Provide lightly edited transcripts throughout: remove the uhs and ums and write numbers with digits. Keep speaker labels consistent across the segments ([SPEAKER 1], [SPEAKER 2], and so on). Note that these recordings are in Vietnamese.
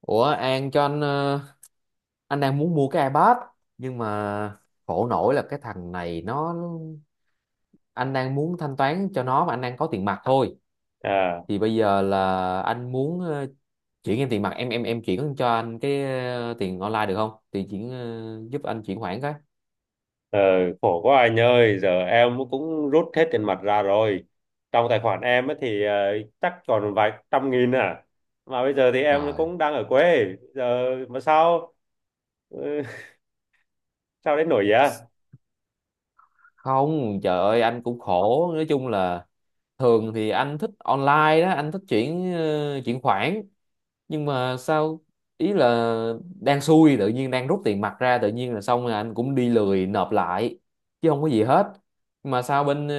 [SPEAKER 1] Ủa An cho anh, anh đang muốn mua cái iPad, nhưng mà khổ nổi là cái thằng này nó, anh đang muốn thanh toán cho nó mà anh đang có tiền mặt thôi,
[SPEAKER 2] À,
[SPEAKER 1] thì bây giờ là anh muốn chuyển em tiền mặt, em chuyển cho anh cái tiền online được không thì chuyển giúp anh chuyển khoản cái.
[SPEAKER 2] ờ, khổ quá anh ơi, giờ em cũng rút hết tiền mặt ra rồi. Trong tài khoản em ấy thì chắc còn vài trăm nghìn à. Mà bây giờ thì em
[SPEAKER 1] Rồi.
[SPEAKER 2] cũng đang ở quê, giờ mà sao sao đến nổi vậy?
[SPEAKER 1] Không, trời ơi anh cũng khổ, nói chung là thường thì anh thích online đó, anh thích chuyển chuyển khoản, nhưng mà sao, ý là đang xui, tự nhiên đang rút tiền mặt ra tự nhiên là xong rồi anh cũng đi lười nộp lại, chứ không có gì hết. Nhưng mà sao bên,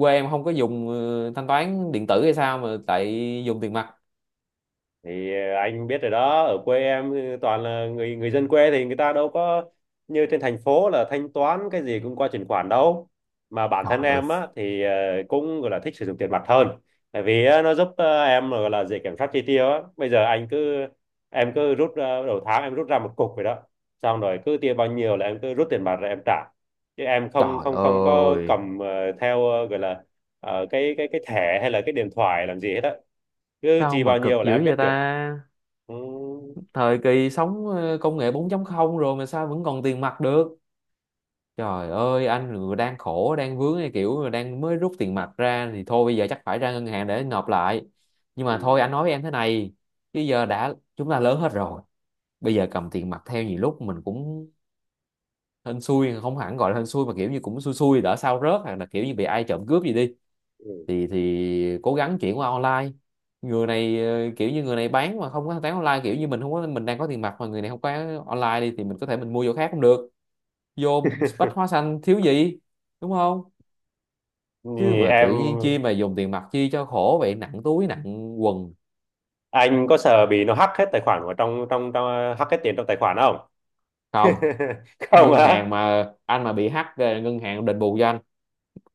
[SPEAKER 1] quê em không có dùng thanh toán điện tử hay sao mà tại dùng tiền mặt?
[SPEAKER 2] Anh biết rồi đó, ở quê em ừ, toàn là người người dân quê thì người ta đâu có như trên thành phố là thanh toán cái gì cũng qua chuyển khoản đâu. Mà bản
[SPEAKER 1] Trời
[SPEAKER 2] thân
[SPEAKER 1] ơi.
[SPEAKER 2] em á thì cũng gọi là thích sử dụng tiền mặt hơn, tại vì á, nó giúp em gọi là dễ kiểm soát chi tiêu á. Bây giờ anh cứ em cứ rút đầu tháng em rút ra một cục vậy đó, xong rồi cứ tiêu bao nhiêu là em cứ rút tiền mặt rồi em trả, chứ em không
[SPEAKER 1] Trời
[SPEAKER 2] không không có
[SPEAKER 1] ơi
[SPEAKER 2] cầm theo gọi là cái thẻ hay là cái điện thoại làm gì hết á, cứ
[SPEAKER 1] sao
[SPEAKER 2] chi
[SPEAKER 1] mà
[SPEAKER 2] bao nhiêu
[SPEAKER 1] cực
[SPEAKER 2] là
[SPEAKER 1] dữ
[SPEAKER 2] em biết
[SPEAKER 1] vậy
[SPEAKER 2] được.
[SPEAKER 1] ta.
[SPEAKER 2] Ừ.
[SPEAKER 1] Thời kỳ sống công nghệ 4 không rồi mà sao vẫn còn tiền mặt được. Trời ơi, anh vừa đang khổ, đang vướng cái kiểu là đang mới rút tiền mặt ra thì thôi bây giờ chắc phải ra ngân hàng để nộp lại. Nhưng mà thôi
[SPEAKER 2] Ừ.
[SPEAKER 1] anh nói với em thế này, bây giờ đã chúng ta lớn hết rồi, bây giờ cầm tiền mặt theo nhiều lúc mình cũng hên xui, không hẳn gọi là hên xui mà kiểu như cũng xui xui, đỡ sao rớt hoặc là kiểu như bị ai trộm cướp gì đi,
[SPEAKER 2] Ừ.
[SPEAKER 1] thì cố gắng chuyển qua online. Người này, kiểu như người này bán mà không có bán online, kiểu như mình không có, mình đang có tiền mặt mà người này không có online đi thì mình có thể mình mua chỗ khác cũng được, vô Bách Hóa Xanh thiếu gì, đúng không? Chứ
[SPEAKER 2] Thì
[SPEAKER 1] mà tự
[SPEAKER 2] em
[SPEAKER 1] nhiên chi mà dùng tiền mặt chi cho khổ vậy, nặng túi nặng quần.
[SPEAKER 2] anh có sợ bị nó hack hết tài khoản của trong trong trong hack hết tiền trong tài khoản không?
[SPEAKER 1] Không,
[SPEAKER 2] Không
[SPEAKER 1] ngân hàng
[SPEAKER 2] á.
[SPEAKER 1] mà anh mà bị hack ngân hàng đền bù cho anh,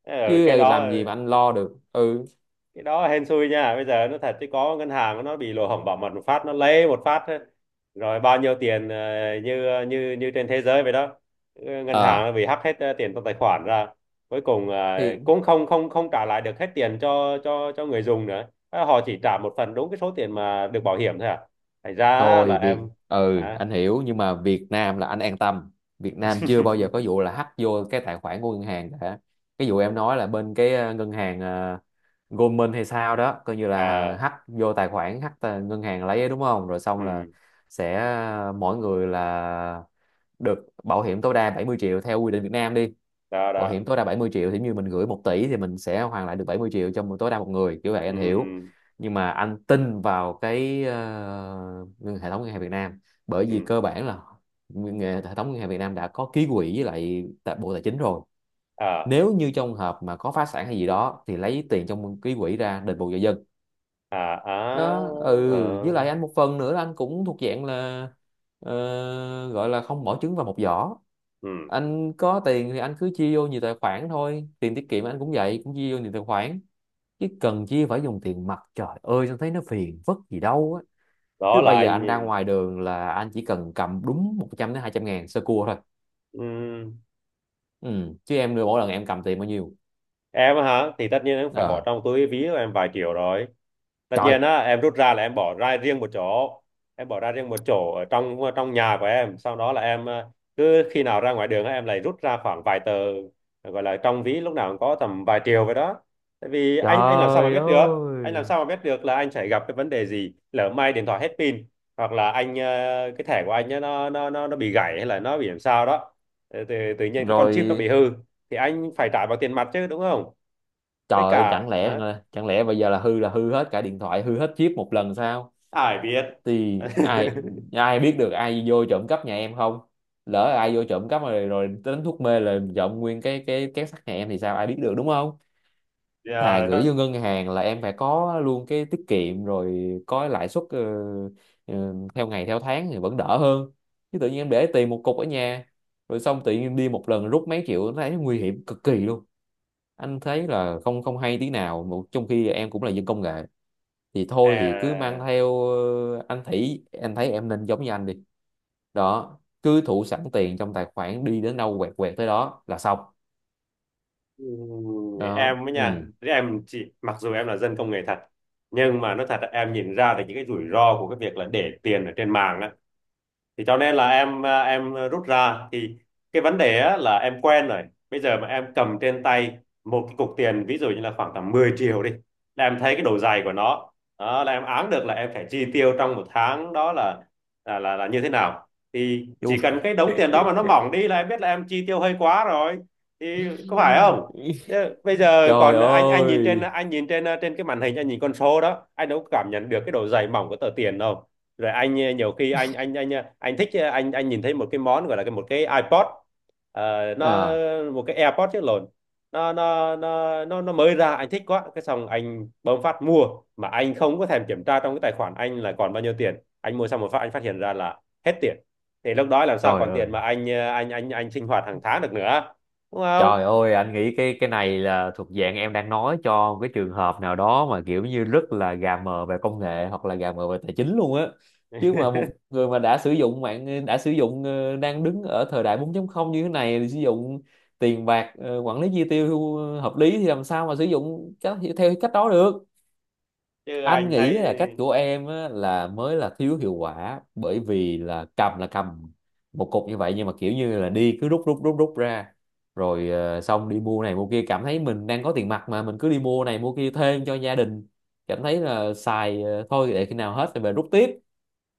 [SPEAKER 2] Ờ, cái
[SPEAKER 1] chứ
[SPEAKER 2] đó,
[SPEAKER 1] làm gì mà anh lo được. Ừ.
[SPEAKER 2] cái đó hên xui nha, bây giờ nó thật chứ có ngân hàng nó bị lỗ hổng bảo mật một phát nó lấy một phát ấy. Rồi bao nhiêu tiền như như như trên thế giới vậy đó, ngân hàng nó
[SPEAKER 1] Ờ
[SPEAKER 2] bị hack hết tiền trong tài khoản ra, cuối cùng
[SPEAKER 1] thì
[SPEAKER 2] cũng không không không trả lại được hết tiền cho cho người dùng nữa. Ờ, họ chỉ trả một phần đúng cái số tiền mà được bảo hiểm thôi à, thành ra là
[SPEAKER 1] thôi Việt,
[SPEAKER 2] em
[SPEAKER 1] ừ
[SPEAKER 2] hả
[SPEAKER 1] anh hiểu nhưng mà Việt Nam là anh an tâm, Việt Nam chưa bao giờ có vụ là hack vô cái tài khoản của ngân hàng cả. Cái vụ em nói là bên cái ngân hàng Goldman hay sao đó coi như là
[SPEAKER 2] à
[SPEAKER 1] hack vô tài khoản, hack tài- ngân hàng lấy ấy, đúng không, rồi xong là
[SPEAKER 2] ừ
[SPEAKER 1] sẽ mỗi người là được bảo hiểm tối đa 70 triệu theo quy định Việt Nam đi,
[SPEAKER 2] đó
[SPEAKER 1] bảo
[SPEAKER 2] đó
[SPEAKER 1] hiểm tối đa 70 triệu thì như mình gửi 1 tỷ thì mình sẽ hoàn lại được 70 triệu cho tối đa một người kiểu vậy anh
[SPEAKER 2] ừ
[SPEAKER 1] hiểu. Nhưng mà anh tin vào cái hệ thống ngân hàng Việt Nam, bởi
[SPEAKER 2] ừ
[SPEAKER 1] vì
[SPEAKER 2] ừ.
[SPEAKER 1] cơ bản là nguyên- hệ thống ngân hàng Việt Nam đã có ký quỹ với lại tại Bộ Tài chính rồi,
[SPEAKER 2] À
[SPEAKER 1] nếu như trong hợp mà có phá sản hay gì đó thì lấy tiền trong ký quỹ ra đền bù cho dân.
[SPEAKER 2] à à
[SPEAKER 1] Đó, ừ,
[SPEAKER 2] ờ,
[SPEAKER 1] với lại anh một phần nữa là anh cũng thuộc dạng là gọi là không bỏ trứng vào một giỏ,
[SPEAKER 2] ừ
[SPEAKER 1] anh có tiền thì anh cứ chia vô nhiều tài khoản thôi, tiền tiết kiệm anh cũng vậy, cũng chia vô nhiều tài khoản, chứ cần chia phải dùng tiền mặt trời ơi anh thấy nó phiền vất gì đâu á.
[SPEAKER 2] đó
[SPEAKER 1] Cứ
[SPEAKER 2] là
[SPEAKER 1] bây giờ
[SPEAKER 2] anh
[SPEAKER 1] anh ra ngoài đường là anh chỉ cần cầm đúng 100 đến 200 ngàn sơ cua thôi.
[SPEAKER 2] ừ
[SPEAKER 1] Ừ. Chứ em đưa mỗi lần em cầm tiền bao nhiêu?
[SPEAKER 2] em á hả, thì tất nhiên em phải bỏ
[SPEAKER 1] Ờ.
[SPEAKER 2] trong túi ví của em vài triệu rồi, tất
[SPEAKER 1] Trời.
[SPEAKER 2] nhiên á em rút ra là em bỏ ra riêng một chỗ, em bỏ ra riêng một chỗ ở trong trong nhà của em, sau đó là em cứ khi nào ra ngoài đường á, em lại rút ra khoảng vài tờ, gọi là trong ví lúc nào cũng có tầm vài triệu vậy đó. Tại vì anh làm sao mà
[SPEAKER 1] Trời
[SPEAKER 2] biết được, làm
[SPEAKER 1] ơi.
[SPEAKER 2] sao mà biết được là anh sẽ gặp cái vấn đề gì, lỡ may điện thoại hết pin hoặc là anh cái thẻ của anh á, nó bị gãy hay là nó bị làm sao đó. Ờ, tự nhiên cái con chip nó bị
[SPEAKER 1] Rồi.
[SPEAKER 2] hư thì anh phải trả bằng tiền mặt chứ, đúng không?
[SPEAKER 1] Trời
[SPEAKER 2] Với
[SPEAKER 1] ơi,
[SPEAKER 2] cả
[SPEAKER 1] chẳng lẽ Hằng
[SPEAKER 2] hả?
[SPEAKER 1] ơi, chẳng lẽ bây giờ là hư hết cả điện thoại, hư hết chip một lần sao?
[SPEAKER 2] Ai biết.
[SPEAKER 1] Thì ai, ai biết được ai vô trộm cắp nhà em không? Lỡ ai vô trộm cắp rồi, đến thuốc mê là trộm nguyên cái két sắt nhà em thì sao, ai biết được đúng không? Thà
[SPEAKER 2] Giờ
[SPEAKER 1] gửi
[SPEAKER 2] nó
[SPEAKER 1] vô ngân hàng là em phải có luôn cái tiết kiệm rồi, có lãi suất, theo ngày theo tháng thì vẫn đỡ hơn. Chứ tự nhiên em để tiền một cục ở nhà rồi xong tự nhiên đi một lần rút mấy triệu nó thấy nguy hiểm cực kỳ luôn. Anh thấy là không, không hay tí nào mà trong khi em cũng là dân công nghệ, thì thôi thì cứ mang
[SPEAKER 2] à,
[SPEAKER 1] theo, anh thấy em nên giống như anh đi, đó cứ thủ sẵn tiền trong tài khoản, đi đến đâu quẹt quẹt tới đó là xong. Đó,
[SPEAKER 2] em với nha,
[SPEAKER 1] ừ.
[SPEAKER 2] em chỉ mặc dù em là dân công nghệ thật, nhưng mà nó thật là em nhìn ra được những cái rủi ro của cái việc là để tiền ở trên mạng á, thì cho nên là em à, em rút ra thì cái vấn đề á, là em quen rồi. Bây giờ mà em cầm trên tay một cái cục tiền, ví dụ như là khoảng tầm 10 triệu đi, là em thấy cái độ dày của nó. Đó, là em áng được là em phải chi tiêu trong một tháng đó là là như thế nào, thì
[SPEAKER 1] Chú
[SPEAKER 2] chỉ cần cái đống tiền đó mà nó mỏng đi là em biết là em chi tiêu hơi quá rồi, thì có phải không. Thế bây giờ
[SPEAKER 1] trời
[SPEAKER 2] còn anh nhìn trên
[SPEAKER 1] ơi.
[SPEAKER 2] nhìn trên à, trên cái màn hình anh nhìn con số đó, anh đâu có cảm nhận được cái độ dày mỏng của tờ tiền đâu. Rồi anh nhiều khi anh thích anh nhìn thấy một cái món gọi là cái một cái iPod. Ờ, nó
[SPEAKER 1] À.
[SPEAKER 2] một cái AirPod chứ, lộn, nó mới ra anh thích quá, cái xong anh bấm phát mua mà anh không có thèm kiểm tra trong cái tài khoản anh là còn bao nhiêu tiền. Anh mua xong một phát anh phát hiện ra là hết tiền, thì lúc đó làm sao
[SPEAKER 1] Trời
[SPEAKER 2] còn tiền
[SPEAKER 1] ơi.
[SPEAKER 2] mà anh anh sinh hoạt hàng tháng được nữa, đúng không?
[SPEAKER 1] Trời ơi, anh nghĩ cái này là thuộc dạng em đang nói cho một cái trường hợp nào đó mà kiểu như rất là gà mờ về công nghệ hoặc là gà mờ về tài chính luôn á. Chứ mà một người mà đã sử dụng mạng, đã sử dụng, đang đứng ở thời đại 4.0 như thế này thì sử dụng tiền bạc, quản lý chi tiêu hợp lý thì làm sao mà sử dụng cách, theo cách đó được.
[SPEAKER 2] Chứ
[SPEAKER 1] Anh
[SPEAKER 2] anh
[SPEAKER 1] nghĩ
[SPEAKER 2] thấy
[SPEAKER 1] là cách của em á, là mới là thiếu hiệu quả, bởi vì là cầm một cục như vậy nhưng mà kiểu như là đi cứ rút rút rút rút ra, rồi xong đi mua này mua kia, cảm thấy mình đang có tiền mặt mà mình cứ đi mua này mua kia thêm cho gia đình, cảm thấy là xài, thôi để khi nào hết thì về rút tiếp.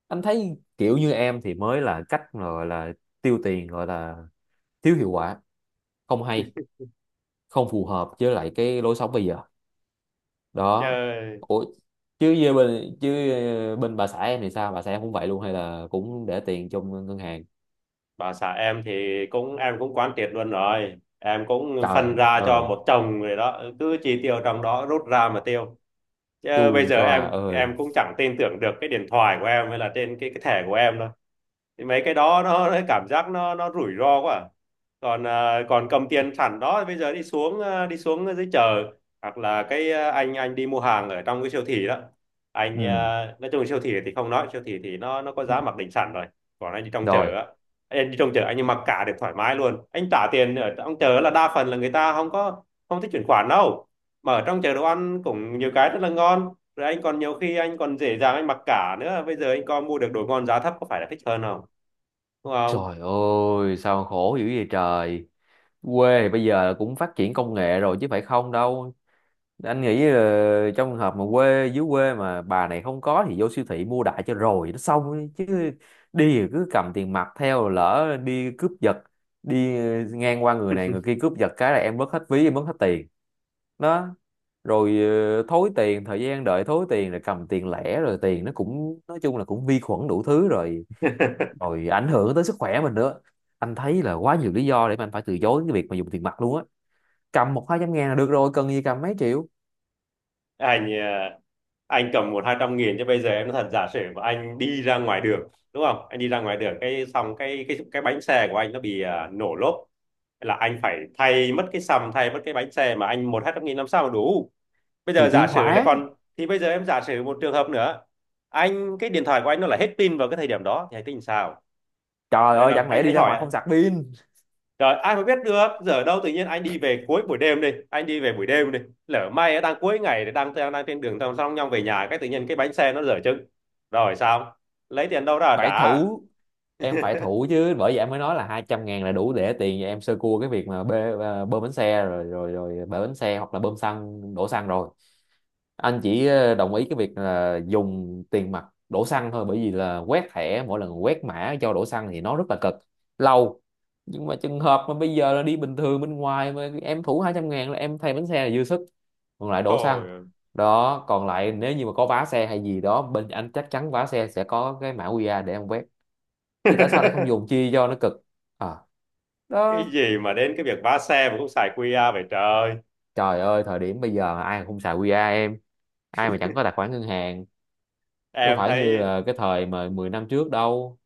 [SPEAKER 1] Anh thấy kiểu như em thì mới là cách mà gọi là tiêu tiền, gọi là thiếu hiệu quả, không hay, không phù hợp với lại cái lối sống bây giờ. Đó.
[SPEAKER 2] trời.
[SPEAKER 1] Ủa, chứ với bên, chứ bên bà xã em thì sao, bà xã em cũng vậy luôn hay là cũng để tiền trong ngân hàng?
[SPEAKER 2] Bà xã em thì cũng em cũng quán triệt luôn rồi, em cũng
[SPEAKER 1] Trời
[SPEAKER 2] phân
[SPEAKER 1] đất
[SPEAKER 2] ra cho
[SPEAKER 1] ơi.
[SPEAKER 2] một chồng, người đó cứ chi tiêu trong đó, rút ra mà tiêu. Chứ bây
[SPEAKER 1] Chu
[SPEAKER 2] giờ
[SPEAKER 1] cho à
[SPEAKER 2] em
[SPEAKER 1] ơi.
[SPEAKER 2] cũng chẳng tin tưởng được cái điện thoại của em hay là trên cái thẻ của em đâu, thì mấy cái đó nó cảm giác nó rủi ro quá à. Còn à, còn cầm tiền sẵn đó, bây giờ đi xuống à, đi xuống dưới chợ hoặc là cái à, anh đi mua hàng ở trong cái siêu thị đó, anh
[SPEAKER 1] Ừ.
[SPEAKER 2] à, nói chung siêu thị thì không nói, siêu thị thì nó có giá mặc định sẵn rồi. Còn anh đi trong chợ
[SPEAKER 1] Rồi.
[SPEAKER 2] á, anh đi trong chợ anh mặc cả được thoải mái luôn, anh trả tiền ở trong chợ là đa phần là người ta không có, không thích chuyển khoản đâu. Mà ở trong chợ đồ ăn cũng nhiều cái rất là ngon, rồi anh còn nhiều khi anh còn dễ dàng anh mặc cả nữa, bây giờ anh có mua được đồ ngon giá thấp có phải là thích hơn không, đúng không?
[SPEAKER 1] Trời ơi sao mà khổ dữ vậy trời. Quê thì bây giờ cũng phát triển công nghệ rồi chứ phải không đâu. Anh nghĩ là trong trường hợp mà quê, dưới quê mà bà này không có thì vô siêu thị mua đại cho rồi nó xong ấy. Chứ đi thì cứ cầm tiền mặt theo lỡ đi cướp giật, đi ngang qua người này người kia cướp giật cái là em mất hết ví, em mất hết tiền. Đó, rồi thối tiền, thời gian đợi thối tiền rồi cầm tiền lẻ, rồi tiền nó cũng nói chung là cũng vi khuẩn đủ thứ rồi, rồi ảnh hưởng tới sức khỏe mình nữa. Anh thấy là quá nhiều lý do để mà anh phải từ chối cái việc mà dùng tiền mặt luôn á. Cầm 1-2 trăm ngàn là được rồi, cần gì cầm mấy triệu.
[SPEAKER 2] Anh anh cầm một hai trăm nghìn chứ bây giờ em nói thật, giả sử mà anh đi ra ngoài đường đúng không, anh đi ra ngoài đường cái xong cái bánh xe của anh nó bị à, nổ lốp là anh phải thay mất cái sầm, thay mất cái bánh xe mà anh một hai trăm nghìn làm sao mà đủ. Bây giờ
[SPEAKER 1] Thì
[SPEAKER 2] giả
[SPEAKER 1] chuyển
[SPEAKER 2] sử là
[SPEAKER 1] khoản.
[SPEAKER 2] còn thì bây giờ em giả sử một trường hợp nữa, anh cái điện thoại của anh nó là hết pin vào cái thời điểm đó thì anh tính sao?
[SPEAKER 1] Trời
[SPEAKER 2] Đấy
[SPEAKER 1] ơi
[SPEAKER 2] là
[SPEAKER 1] chẳng lẽ đi
[SPEAKER 2] anh
[SPEAKER 1] ra ngoài
[SPEAKER 2] hỏi.
[SPEAKER 1] không sạc pin.
[SPEAKER 2] Rồi ai mà biết được giờ đâu, tự nhiên anh đi về cuối buổi đêm đi, anh đi về buổi đêm đi, lỡ may đang cuối ngày thì đang đang đang trên đường, xong xong nhau về nhà cái tự nhiên cái bánh xe nó dở chừng, rồi sao, lấy tiền đâu ra
[SPEAKER 1] Phải
[SPEAKER 2] trả?
[SPEAKER 1] thủ. Em phải thủ chứ, bởi vậy em mới nói là 200 ngàn là đủ để tiền cho em sơ cua cái việc mà bê, à, bơm bánh xe, rồi rồi rồi bể bánh xe hoặc là bơm xăng, đổ xăng rồi. Anh chỉ, đồng ý cái việc là dùng tiền mặt đổ xăng thôi, bởi vì là quét thẻ mỗi lần quét mã cho đổ xăng thì nó rất là cực lâu. Nhưng mà trường hợp mà bây giờ là đi bình thường bên ngoài mà em thủ 200 ngàn là em thay bánh xe là dư sức, còn lại đổ xăng.
[SPEAKER 2] Thôi.
[SPEAKER 1] Đó, còn lại nếu như mà có vá xe hay gì đó bên anh chắc chắn vá xe sẽ có cái mã QR để em quét, thì tại sao lại không dùng chi cho nó cực. À. Đó.
[SPEAKER 2] Cái gì mà đến cái việc vá xe mà cũng xài QR vậy trời.
[SPEAKER 1] Trời ơi thời điểm bây giờ ai mà không xài QR em, ai mà chẳng có tài khoản ngân hàng, chứ không
[SPEAKER 2] em
[SPEAKER 1] phải như
[SPEAKER 2] thấy
[SPEAKER 1] là cái thời mà 10 năm trước đâu.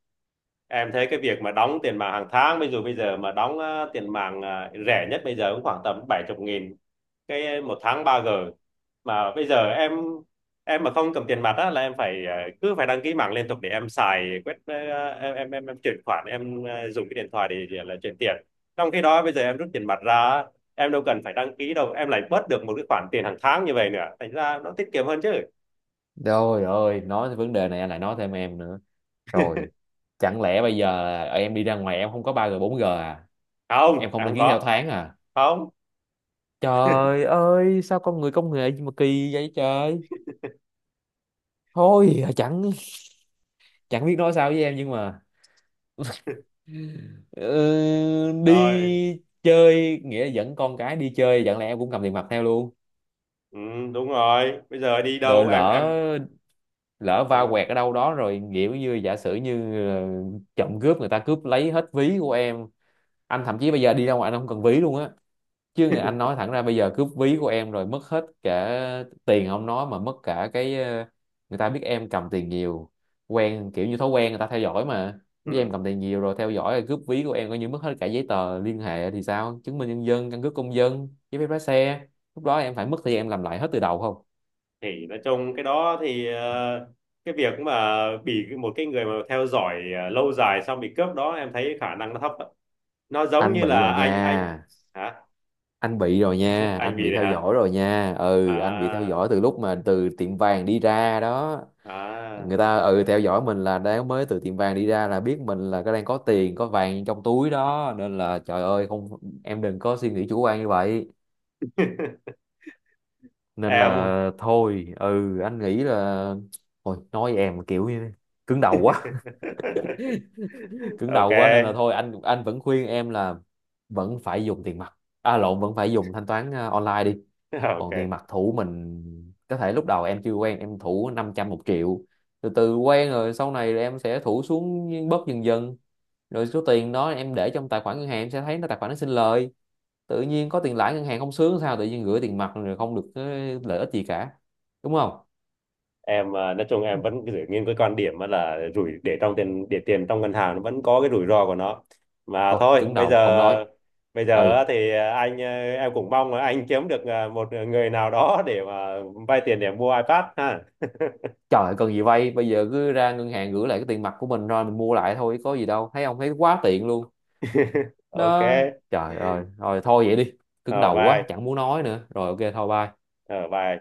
[SPEAKER 2] em thấy cái việc mà đóng tiền mạng hàng tháng, bây giờ mà đóng tiền mạng rẻ nhất bây giờ cũng khoảng tầm 70 nghìn cái một tháng ba g. Mà bây giờ em mà không cầm tiền mặt á là em phải cứ phải đăng ký mạng liên tục để em xài quét em chuyển khoản em dùng cái điện thoại để là chuyển tiền. Trong khi đó bây giờ em rút tiền mặt ra á, em đâu cần phải đăng ký đâu, em lại bớt được một cái khoản tiền hàng tháng như vậy nữa, thành ra nó tiết kiệm hơn chứ.
[SPEAKER 1] Trời ơi nói tới vấn đề này anh lại nói thêm em nữa. Rồi, chẳng lẽ bây giờ là em đi ra ngoài em không có 3G 4G à, em
[SPEAKER 2] Không
[SPEAKER 1] không
[SPEAKER 2] em
[SPEAKER 1] đăng
[SPEAKER 2] không
[SPEAKER 1] ký theo
[SPEAKER 2] có.
[SPEAKER 1] tháng à?
[SPEAKER 2] Không.
[SPEAKER 1] Trời ơi sao con người công nghệ gì mà kỳ vậy trời. Thôi, chẳng chẳng biết nói sao với em nhưng mà ừ,
[SPEAKER 2] Rồi
[SPEAKER 1] đi chơi nghĩa là dẫn con cái đi chơi chẳng lẽ em cũng cầm tiền mặt theo luôn.
[SPEAKER 2] ừ, đúng rồi, bây giờ đi
[SPEAKER 1] Rồi
[SPEAKER 2] đâu
[SPEAKER 1] lỡ,
[SPEAKER 2] em
[SPEAKER 1] lỡ va
[SPEAKER 2] ừ.
[SPEAKER 1] quẹt ở đâu đó rồi kiểu như giả sử như, trộm cướp người ta cướp lấy hết ví của em. Anh thậm chí bây giờ đi ra ngoài anh không cần ví luôn á, chứ người anh nói thẳng ra bây giờ cướp ví của em rồi mất hết cả tiền không nói mà mất cả cái, người ta biết em cầm tiền nhiều, quen kiểu như thói quen người ta theo dõi mà biết em
[SPEAKER 2] Ừ.
[SPEAKER 1] cầm tiền nhiều rồi theo dõi rồi cướp ví của em coi như mất hết cả giấy tờ liên hệ thì sao, chứng minh nhân dân, căn cước công dân, giấy phép lái xe, lúc đó em phải mất thời gian em làm lại hết từ đầu không.
[SPEAKER 2] Thì nói chung cái đó thì cái việc mà bị một cái người mà theo dõi lâu dài xong bị cướp đó, em thấy khả năng nó thấp ạ. Nó giống
[SPEAKER 1] Anh
[SPEAKER 2] như
[SPEAKER 1] bị
[SPEAKER 2] là
[SPEAKER 1] rồi
[SPEAKER 2] anh
[SPEAKER 1] nha.
[SPEAKER 2] hả.
[SPEAKER 1] Anh bị rồi nha,
[SPEAKER 2] Anh
[SPEAKER 1] anh
[SPEAKER 2] vì
[SPEAKER 1] bị
[SPEAKER 2] đấy
[SPEAKER 1] theo
[SPEAKER 2] hả.
[SPEAKER 1] dõi rồi nha, ừ anh bị theo
[SPEAKER 2] À
[SPEAKER 1] dõi từ lúc mà từ tiệm vàng đi ra đó.
[SPEAKER 2] à.
[SPEAKER 1] Người ta, ừ, theo dõi mình là đang mới từ tiệm vàng đi ra là biết mình là cái đang có tiền có vàng trong túi đó, nên là trời ơi không, em đừng có suy nghĩ chủ quan như vậy. Nên
[SPEAKER 2] Em.
[SPEAKER 1] là thôi, ừ anh nghĩ là thôi, nói em mà kiểu như cứng đầu quá, cứng
[SPEAKER 2] Ok.
[SPEAKER 1] đầu quá nên là thôi anh, vẫn khuyên em là vẫn phải dùng tiền mặt, à lộn, vẫn phải dùng thanh toán online đi. Còn tiền
[SPEAKER 2] Ok.
[SPEAKER 1] mặt thủ mình có thể lúc đầu em chưa quen em thủ 500, 1 triệu, từ từ quen rồi sau này em sẽ thủ xuống bớt dần dần, rồi số tiền đó em để trong tài khoản ngân hàng em sẽ thấy nó, tài khoản nó sinh lời, tự nhiên có tiền lãi ngân hàng không sướng sao, tự nhiên gửi tiền mặt rồi không được cái lợi ích gì cả, đúng không.
[SPEAKER 2] Em à, nói chung em vẫn giữ nguyên cái quan điểm là rủi để trong tiền để tiền trong ngân hàng nó vẫn có cái rủi ro của nó mà
[SPEAKER 1] Thôi
[SPEAKER 2] thôi.
[SPEAKER 1] cứng
[SPEAKER 2] Bây
[SPEAKER 1] đầu
[SPEAKER 2] giờ
[SPEAKER 1] không nói.
[SPEAKER 2] bây giờ
[SPEAKER 1] Ừ.
[SPEAKER 2] thì anh à, em cũng mong là anh kiếm được à, một người nào đó để mà vay tiền để mua iPad ha.
[SPEAKER 1] Trời ơi, cần gì vay, bây giờ cứ ra ngân hàng gửi lại cái tiền mặt của mình rồi mình mua lại thôi có gì đâu, thấy không, thấy quá tiện luôn.
[SPEAKER 2] Ok.
[SPEAKER 1] Đó. Trời ơi rồi thôi vậy đi, cứng
[SPEAKER 2] Ở
[SPEAKER 1] đầu quá
[SPEAKER 2] bye.
[SPEAKER 1] chẳng muốn nói nữa rồi, ok thôi bye.
[SPEAKER 2] Ở bye.